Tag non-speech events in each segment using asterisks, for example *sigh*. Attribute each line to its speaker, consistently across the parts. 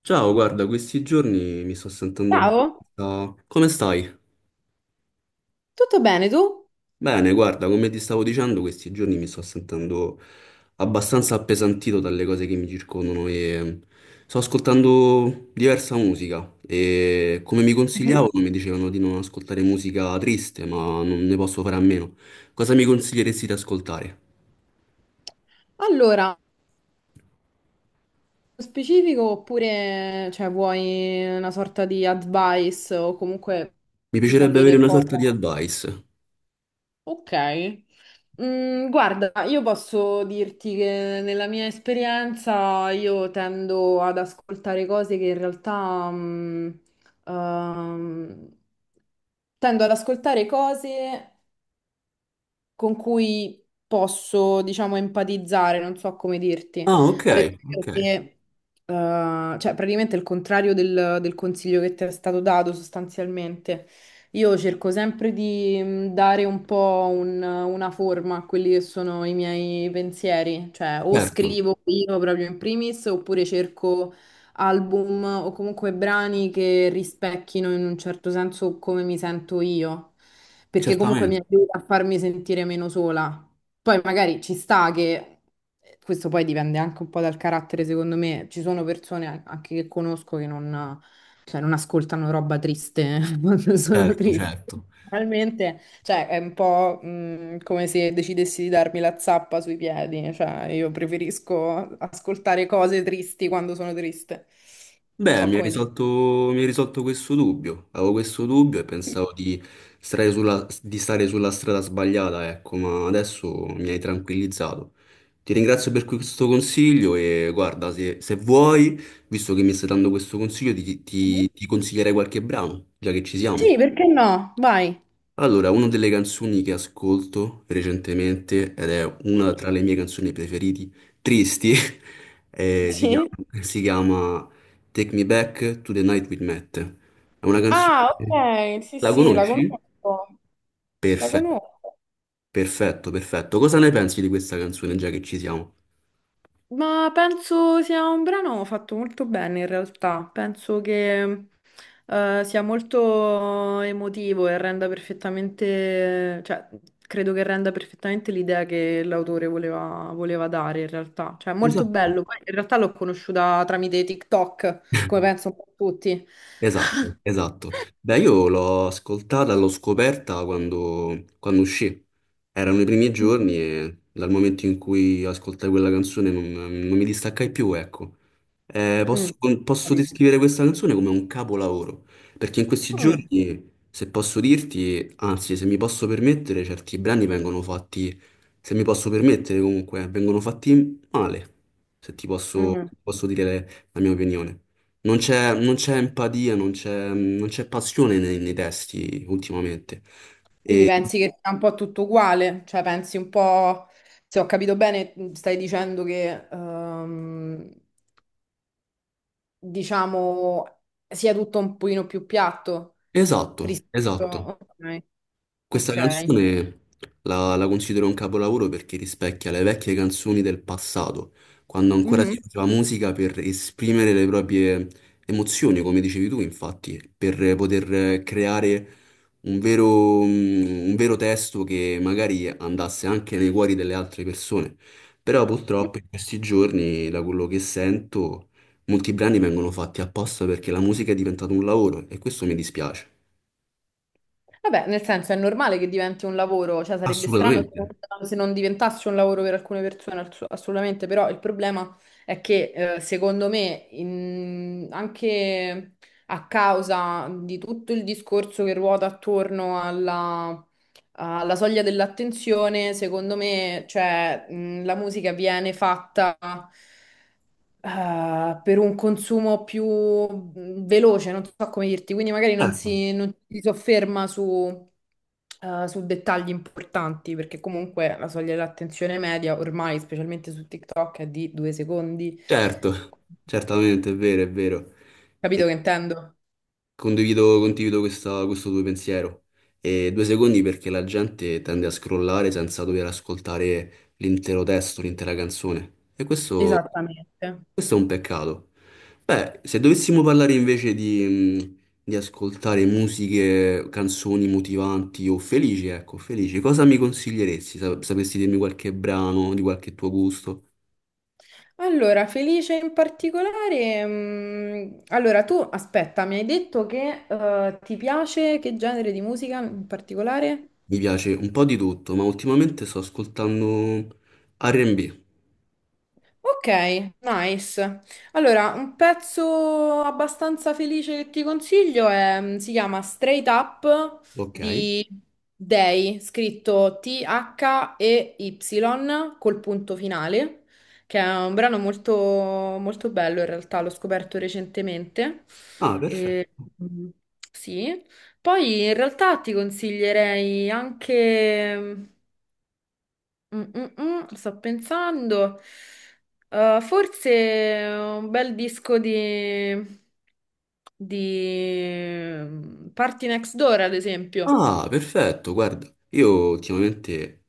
Speaker 1: Ciao, guarda, questi giorni mi sto sentendo
Speaker 2: Ciao,
Speaker 1: abbastanza... Come stai?
Speaker 2: tutto bene tu?
Speaker 1: Bene, guarda, come ti stavo dicendo, questi giorni mi sto sentendo abbastanza appesantito dalle cose che mi circondano e sto ascoltando diversa musica e come mi
Speaker 2: Mhm.
Speaker 1: consigliavano mi dicevano di non ascoltare musica triste, ma non ne posso fare a meno. Cosa mi consiglieresti di ascoltare?
Speaker 2: Allora, nello specifico oppure cioè, vuoi una sorta di advice o comunque
Speaker 1: Mi
Speaker 2: ti
Speaker 1: piacerebbe avere
Speaker 2: sapere
Speaker 1: una
Speaker 2: cosa?
Speaker 1: sorta di advice.
Speaker 2: Ok. Guarda, io posso dirti che nella mia esperienza io tendo ad ascoltare cose che in realtà ehm, tendo ad ascoltare cose con cui posso, diciamo, empatizzare, non so come dirti.
Speaker 1: Ah, ok,
Speaker 2: Ad
Speaker 1: ok,
Speaker 2: esempio, che, cioè, praticamente il contrario del consiglio che ti è stato dato sostanzialmente. Io cerco sempre di dare un po' una forma a quelli che sono i miei pensieri, cioè o
Speaker 1: certo,
Speaker 2: scrivo io proprio in primis oppure cerco album o comunque brani che rispecchino in un certo senso come mi sento io, perché comunque mi
Speaker 1: certamente,
Speaker 2: aiuta a farmi sentire meno sola. Poi magari ci sta che, questo poi dipende anche un po' dal carattere, secondo me, ci sono persone anche che conosco che non, cioè, non ascoltano roba triste *laughs* quando sono
Speaker 1: certo,
Speaker 2: triste.
Speaker 1: certo.
Speaker 2: Realmente cioè, è un po', come se decidessi di darmi la zappa sui piedi, cioè io preferisco ascoltare cose tristi quando sono triste. Non
Speaker 1: Beh,
Speaker 2: so come dire.
Speaker 1: mi hai risolto questo dubbio. Avevo questo dubbio e pensavo di stare sulla strada sbagliata, ecco, ma adesso mi hai tranquillizzato. Ti ringrazio per questo consiglio e guarda, se vuoi, visto che mi stai dando questo consiglio, ti,
Speaker 2: Mhm.
Speaker 1: ti ti consiglierei qualche brano, già che ci siamo.
Speaker 2: Sì, perché no? Vai.
Speaker 1: Allora, una delle canzoni che ascolto recentemente, ed è una tra le mie canzoni preferite, tristi, *laughs* si
Speaker 2: Sì.
Speaker 1: chiama, si chiama Take Me Back to the Night We Met. È una canzone...
Speaker 2: Ah, ok, sì,
Speaker 1: La
Speaker 2: sì, la
Speaker 1: conosci?
Speaker 2: conosco. La
Speaker 1: Perfetto,
Speaker 2: conosco.
Speaker 1: perfetto, perfetto. Cosa ne pensi di questa canzone, già che ci siamo?
Speaker 2: Ma penso sia un brano fatto molto bene in realtà, penso che sia molto emotivo e renda perfettamente, cioè credo che renda perfettamente l'idea che l'autore voleva dare in realtà, cioè è molto
Speaker 1: Esatto.
Speaker 2: bello. Poi, in realtà l'ho conosciuta tramite TikTok, come
Speaker 1: *laughs*
Speaker 2: penso un po' tutti.
Speaker 1: Esatto, esatto. Beh, io l'ho ascoltata, l'ho scoperta quando uscì. Erano i primi giorni
Speaker 2: *laughs*
Speaker 1: e dal momento in cui ascoltai quella canzone non mi distaccai più, ecco. Eh, posso,
Speaker 2: Mm,
Speaker 1: posso
Speaker 2: capito.
Speaker 1: descrivere questa canzone come un capolavoro, perché in questi
Speaker 2: Mm,
Speaker 1: giorni, se posso dirti, anzi, se mi posso permettere, certi brani vengono fatti, se mi posso permettere comunque, vengono fatti male, se ti
Speaker 2: mm.
Speaker 1: posso dire la mia opinione. Non c'è empatia, non c'è passione nei testi ultimamente.
Speaker 2: Quindi pensi che sia un po' tutto uguale? Cioè pensi un po', se ho capito bene, stai dicendo che, diciamo, sia tutto un pochino più piatto
Speaker 1: Esatto,
Speaker 2: rispetto...
Speaker 1: esatto.
Speaker 2: Ok,
Speaker 1: Questa
Speaker 2: ok.
Speaker 1: canzone la considero un capolavoro perché rispecchia le vecchie canzoni del passato, quando ancora si
Speaker 2: Mhm.
Speaker 1: faceva musica per esprimere le proprie emozioni, come dicevi tu, infatti, per poter creare un vero, un vero testo che magari andasse anche nei cuori delle altre persone. Però purtroppo in questi giorni, da quello che sento, molti brani vengono fatti apposta perché la musica è diventata un lavoro e questo mi dispiace.
Speaker 2: Vabbè, nel senso è normale che diventi un lavoro, cioè sarebbe strano se
Speaker 1: Assolutamente.
Speaker 2: non diventasse un lavoro per alcune persone, assolutamente, però il problema è che secondo me anche a causa di tutto il discorso che ruota attorno alla, alla soglia dell'attenzione, secondo me cioè, la musica viene fatta per un consumo più veloce, non so come dirti, quindi magari
Speaker 1: Certo.
Speaker 2: non si sofferma su, su dettagli importanti, perché comunque la soglia dell'attenzione media ormai, specialmente su TikTok, è di 2 secondi.
Speaker 1: Certo, certamente, è vero, è vero. E
Speaker 2: Capito che intendo?
Speaker 1: condivido, condivido questo tuo pensiero. E due secondi perché la gente tende a scrollare senza dover ascoltare l'intero testo, l'intera canzone. E questo,
Speaker 2: Esattamente.
Speaker 1: questo è un peccato. Beh, se dovessimo parlare invece di ascoltare musiche, canzoni motivanti o felici, ecco, felici, cosa mi consiglieresti? Sapresti dirmi qualche brano di qualche tuo gusto?
Speaker 2: Allora, felice in particolare, allora tu aspetta, mi hai detto che ti piace che genere di musica in particolare?
Speaker 1: Mi piace un po' di tutto, ma ultimamente sto ascoltando R&B,
Speaker 2: Ok, nice. Allora, un pezzo abbastanza felice che ti consiglio è, si chiama Straight Up
Speaker 1: ok?
Speaker 2: di Day, scritto T-H-E-Y col punto finale, che è un brano molto, molto bello in realtà, l'ho scoperto recentemente.
Speaker 1: Ah,
Speaker 2: E,
Speaker 1: perfetto.
Speaker 2: mm, sì. Poi in realtà ti consiglierei anche... sto pensando. Forse un bel disco di Party Next Door, ad esempio.
Speaker 1: Ah, perfetto, guarda, io ultimamente,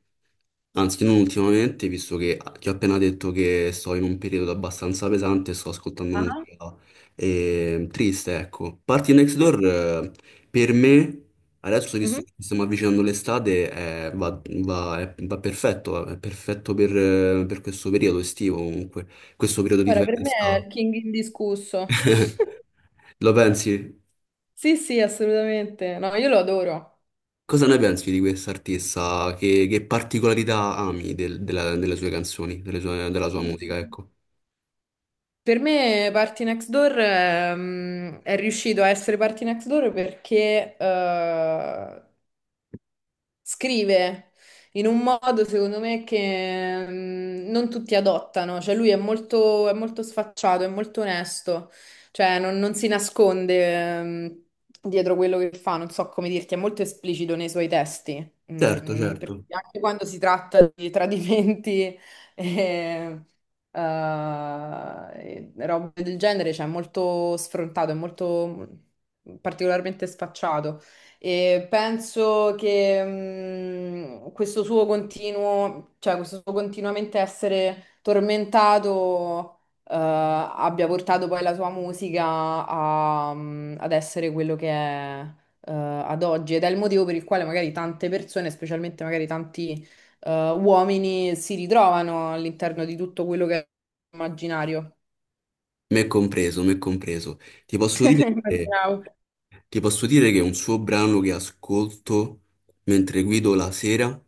Speaker 1: anzi non ultimamente, visto che ti ho appena detto che sto in un periodo abbastanza pesante, sto ascoltando
Speaker 2: Ah.
Speaker 1: musica triste, ecco. Party Next Door, per me, adesso
Speaker 2: Mhm.
Speaker 1: visto che ci stiamo avvicinando all'estate, va perfetto, è perfetto per questo periodo estivo comunque, questo periodo di
Speaker 2: Guarda, per me è
Speaker 1: festa.
Speaker 2: il King indiscusso.
Speaker 1: *laughs*
Speaker 2: *laughs*
Speaker 1: Lo pensi?
Speaker 2: Sì, sì, assolutamente. No, io lo adoro.
Speaker 1: Cosa ne pensi di quest'artista? Che particolarità ami delle sue canzoni, della sua musica, ecco?
Speaker 2: Per me Party Next Door è riuscito a essere Party Next Door perché scrive in un modo, secondo me, che non tutti adottano. Cioè, lui è molto sfacciato, è molto onesto, cioè, non si nasconde, dietro quello che fa. Non so come dirti, è molto esplicito nei suoi testi.
Speaker 1: Certo, certo.
Speaker 2: Perché anche quando si tratta di tradimenti *laughs* e, e robe del genere, cioè, è molto sfrontato, è molto particolarmente sfacciato. E penso che questo suo continuo, cioè questo suo continuamente essere tormentato, abbia portato poi la sua musica a, ad essere quello che è, ad oggi ed è il motivo per il quale magari tante persone, specialmente magari tanti, uomini, si ritrovano all'interno di tutto quello che è immaginario.
Speaker 1: Me compreso, me compreso. Ti
Speaker 2: *laughs*
Speaker 1: posso dire,
Speaker 2: Immaginavo.
Speaker 1: ti posso dire che è un suo brano che ascolto mentre guido la sera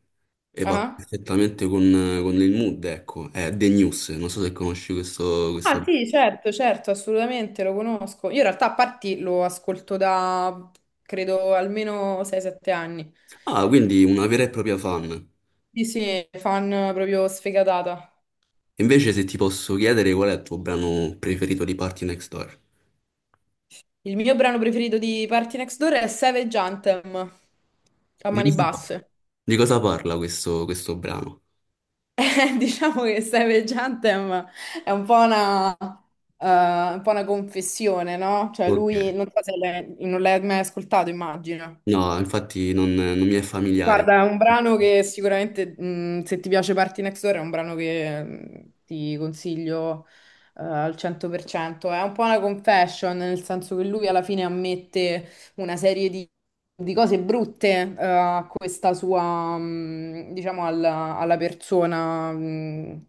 Speaker 1: e va
Speaker 2: Ah.
Speaker 1: perfettamente con il mood, ecco. È The News, non so se conosci questo...
Speaker 2: Ah sì, certo, certo, assolutamente lo conosco. Io in realtà a parti lo ascolto da credo almeno 6-7 anni.
Speaker 1: Ah, quindi una vera e propria fan.
Speaker 2: Sì, sì, fan proprio sfegatata.
Speaker 1: Invece se ti posso chiedere qual è il tuo brano preferito di Party Next Door?
Speaker 2: Il mio brano preferito di Party Next Door è Savage Anthem, a
Speaker 1: Di
Speaker 2: mani
Speaker 1: questo qua.
Speaker 2: basse. *laughs*
Speaker 1: Di cosa parla questo brano?
Speaker 2: Diciamo che Savage Anthem è un po' una confessione, no? Cioè
Speaker 1: Ok.
Speaker 2: lui, non so se l'hai non l'hai mai ascoltato, immagino.
Speaker 1: No, infatti non mi è familiare.
Speaker 2: Guarda, è un brano che sicuramente, se ti piace Party Next Door, è un brano che ti consiglio al 100%. È un po' una confession, nel senso che lui alla fine ammette una serie di cose brutte a questa sua, diciamo, alla persona,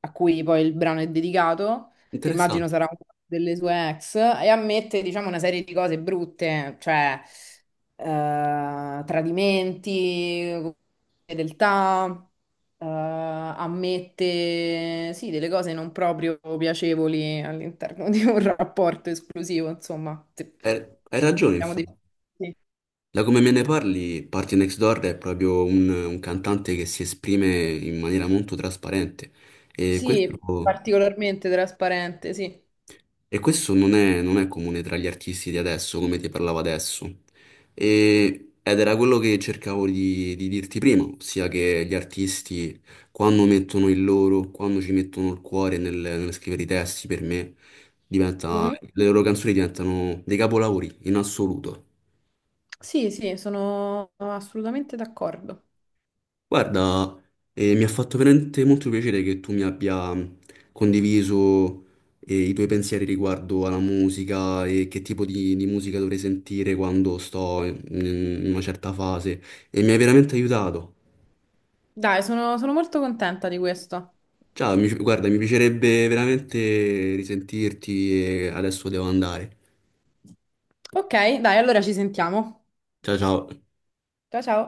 Speaker 2: a cui poi il brano è dedicato, che immagino
Speaker 1: Interessante.
Speaker 2: sarà una delle sue ex, e ammette, diciamo, una serie di cose brutte, cioè tradimenti, fedeltà, ammette, sì, delle cose non proprio piacevoli all'interno di un rapporto esclusivo, insomma. Se-
Speaker 1: Hai ragione,
Speaker 2: Diciamo di...
Speaker 1: infatti.
Speaker 2: Sì,
Speaker 1: Da come me ne parli, Party Next Door è proprio un cantante che si esprime in maniera molto trasparente. E questo
Speaker 2: sì, particolarmente trasparente, sì.
Speaker 1: e questo non è, non è comune tra gli artisti di adesso, come ti parlavo adesso. Ed era quello che cercavo di dirti prima, ossia che gli artisti, quando mettono il loro, quando ci mettono il cuore nel scrivere i testi, per me, diventa,
Speaker 2: Mhm.
Speaker 1: sì, le loro canzoni diventano dei capolavori in assoluto.
Speaker 2: Sì, sì, sono assolutamente d'accordo.
Speaker 1: Guarda, mi ha fatto veramente molto piacere che tu mi abbia condiviso i tuoi pensieri riguardo alla musica e che tipo di musica dovrei sentire quando sto in una certa fase e mi hai veramente aiutato.
Speaker 2: Dai, sono molto contenta di questo.
Speaker 1: Ciao, guarda, mi piacerebbe veramente risentirti e adesso devo andare.
Speaker 2: Ok, dai, allora ci sentiamo.
Speaker 1: Ciao ciao.
Speaker 2: Ciao ciao.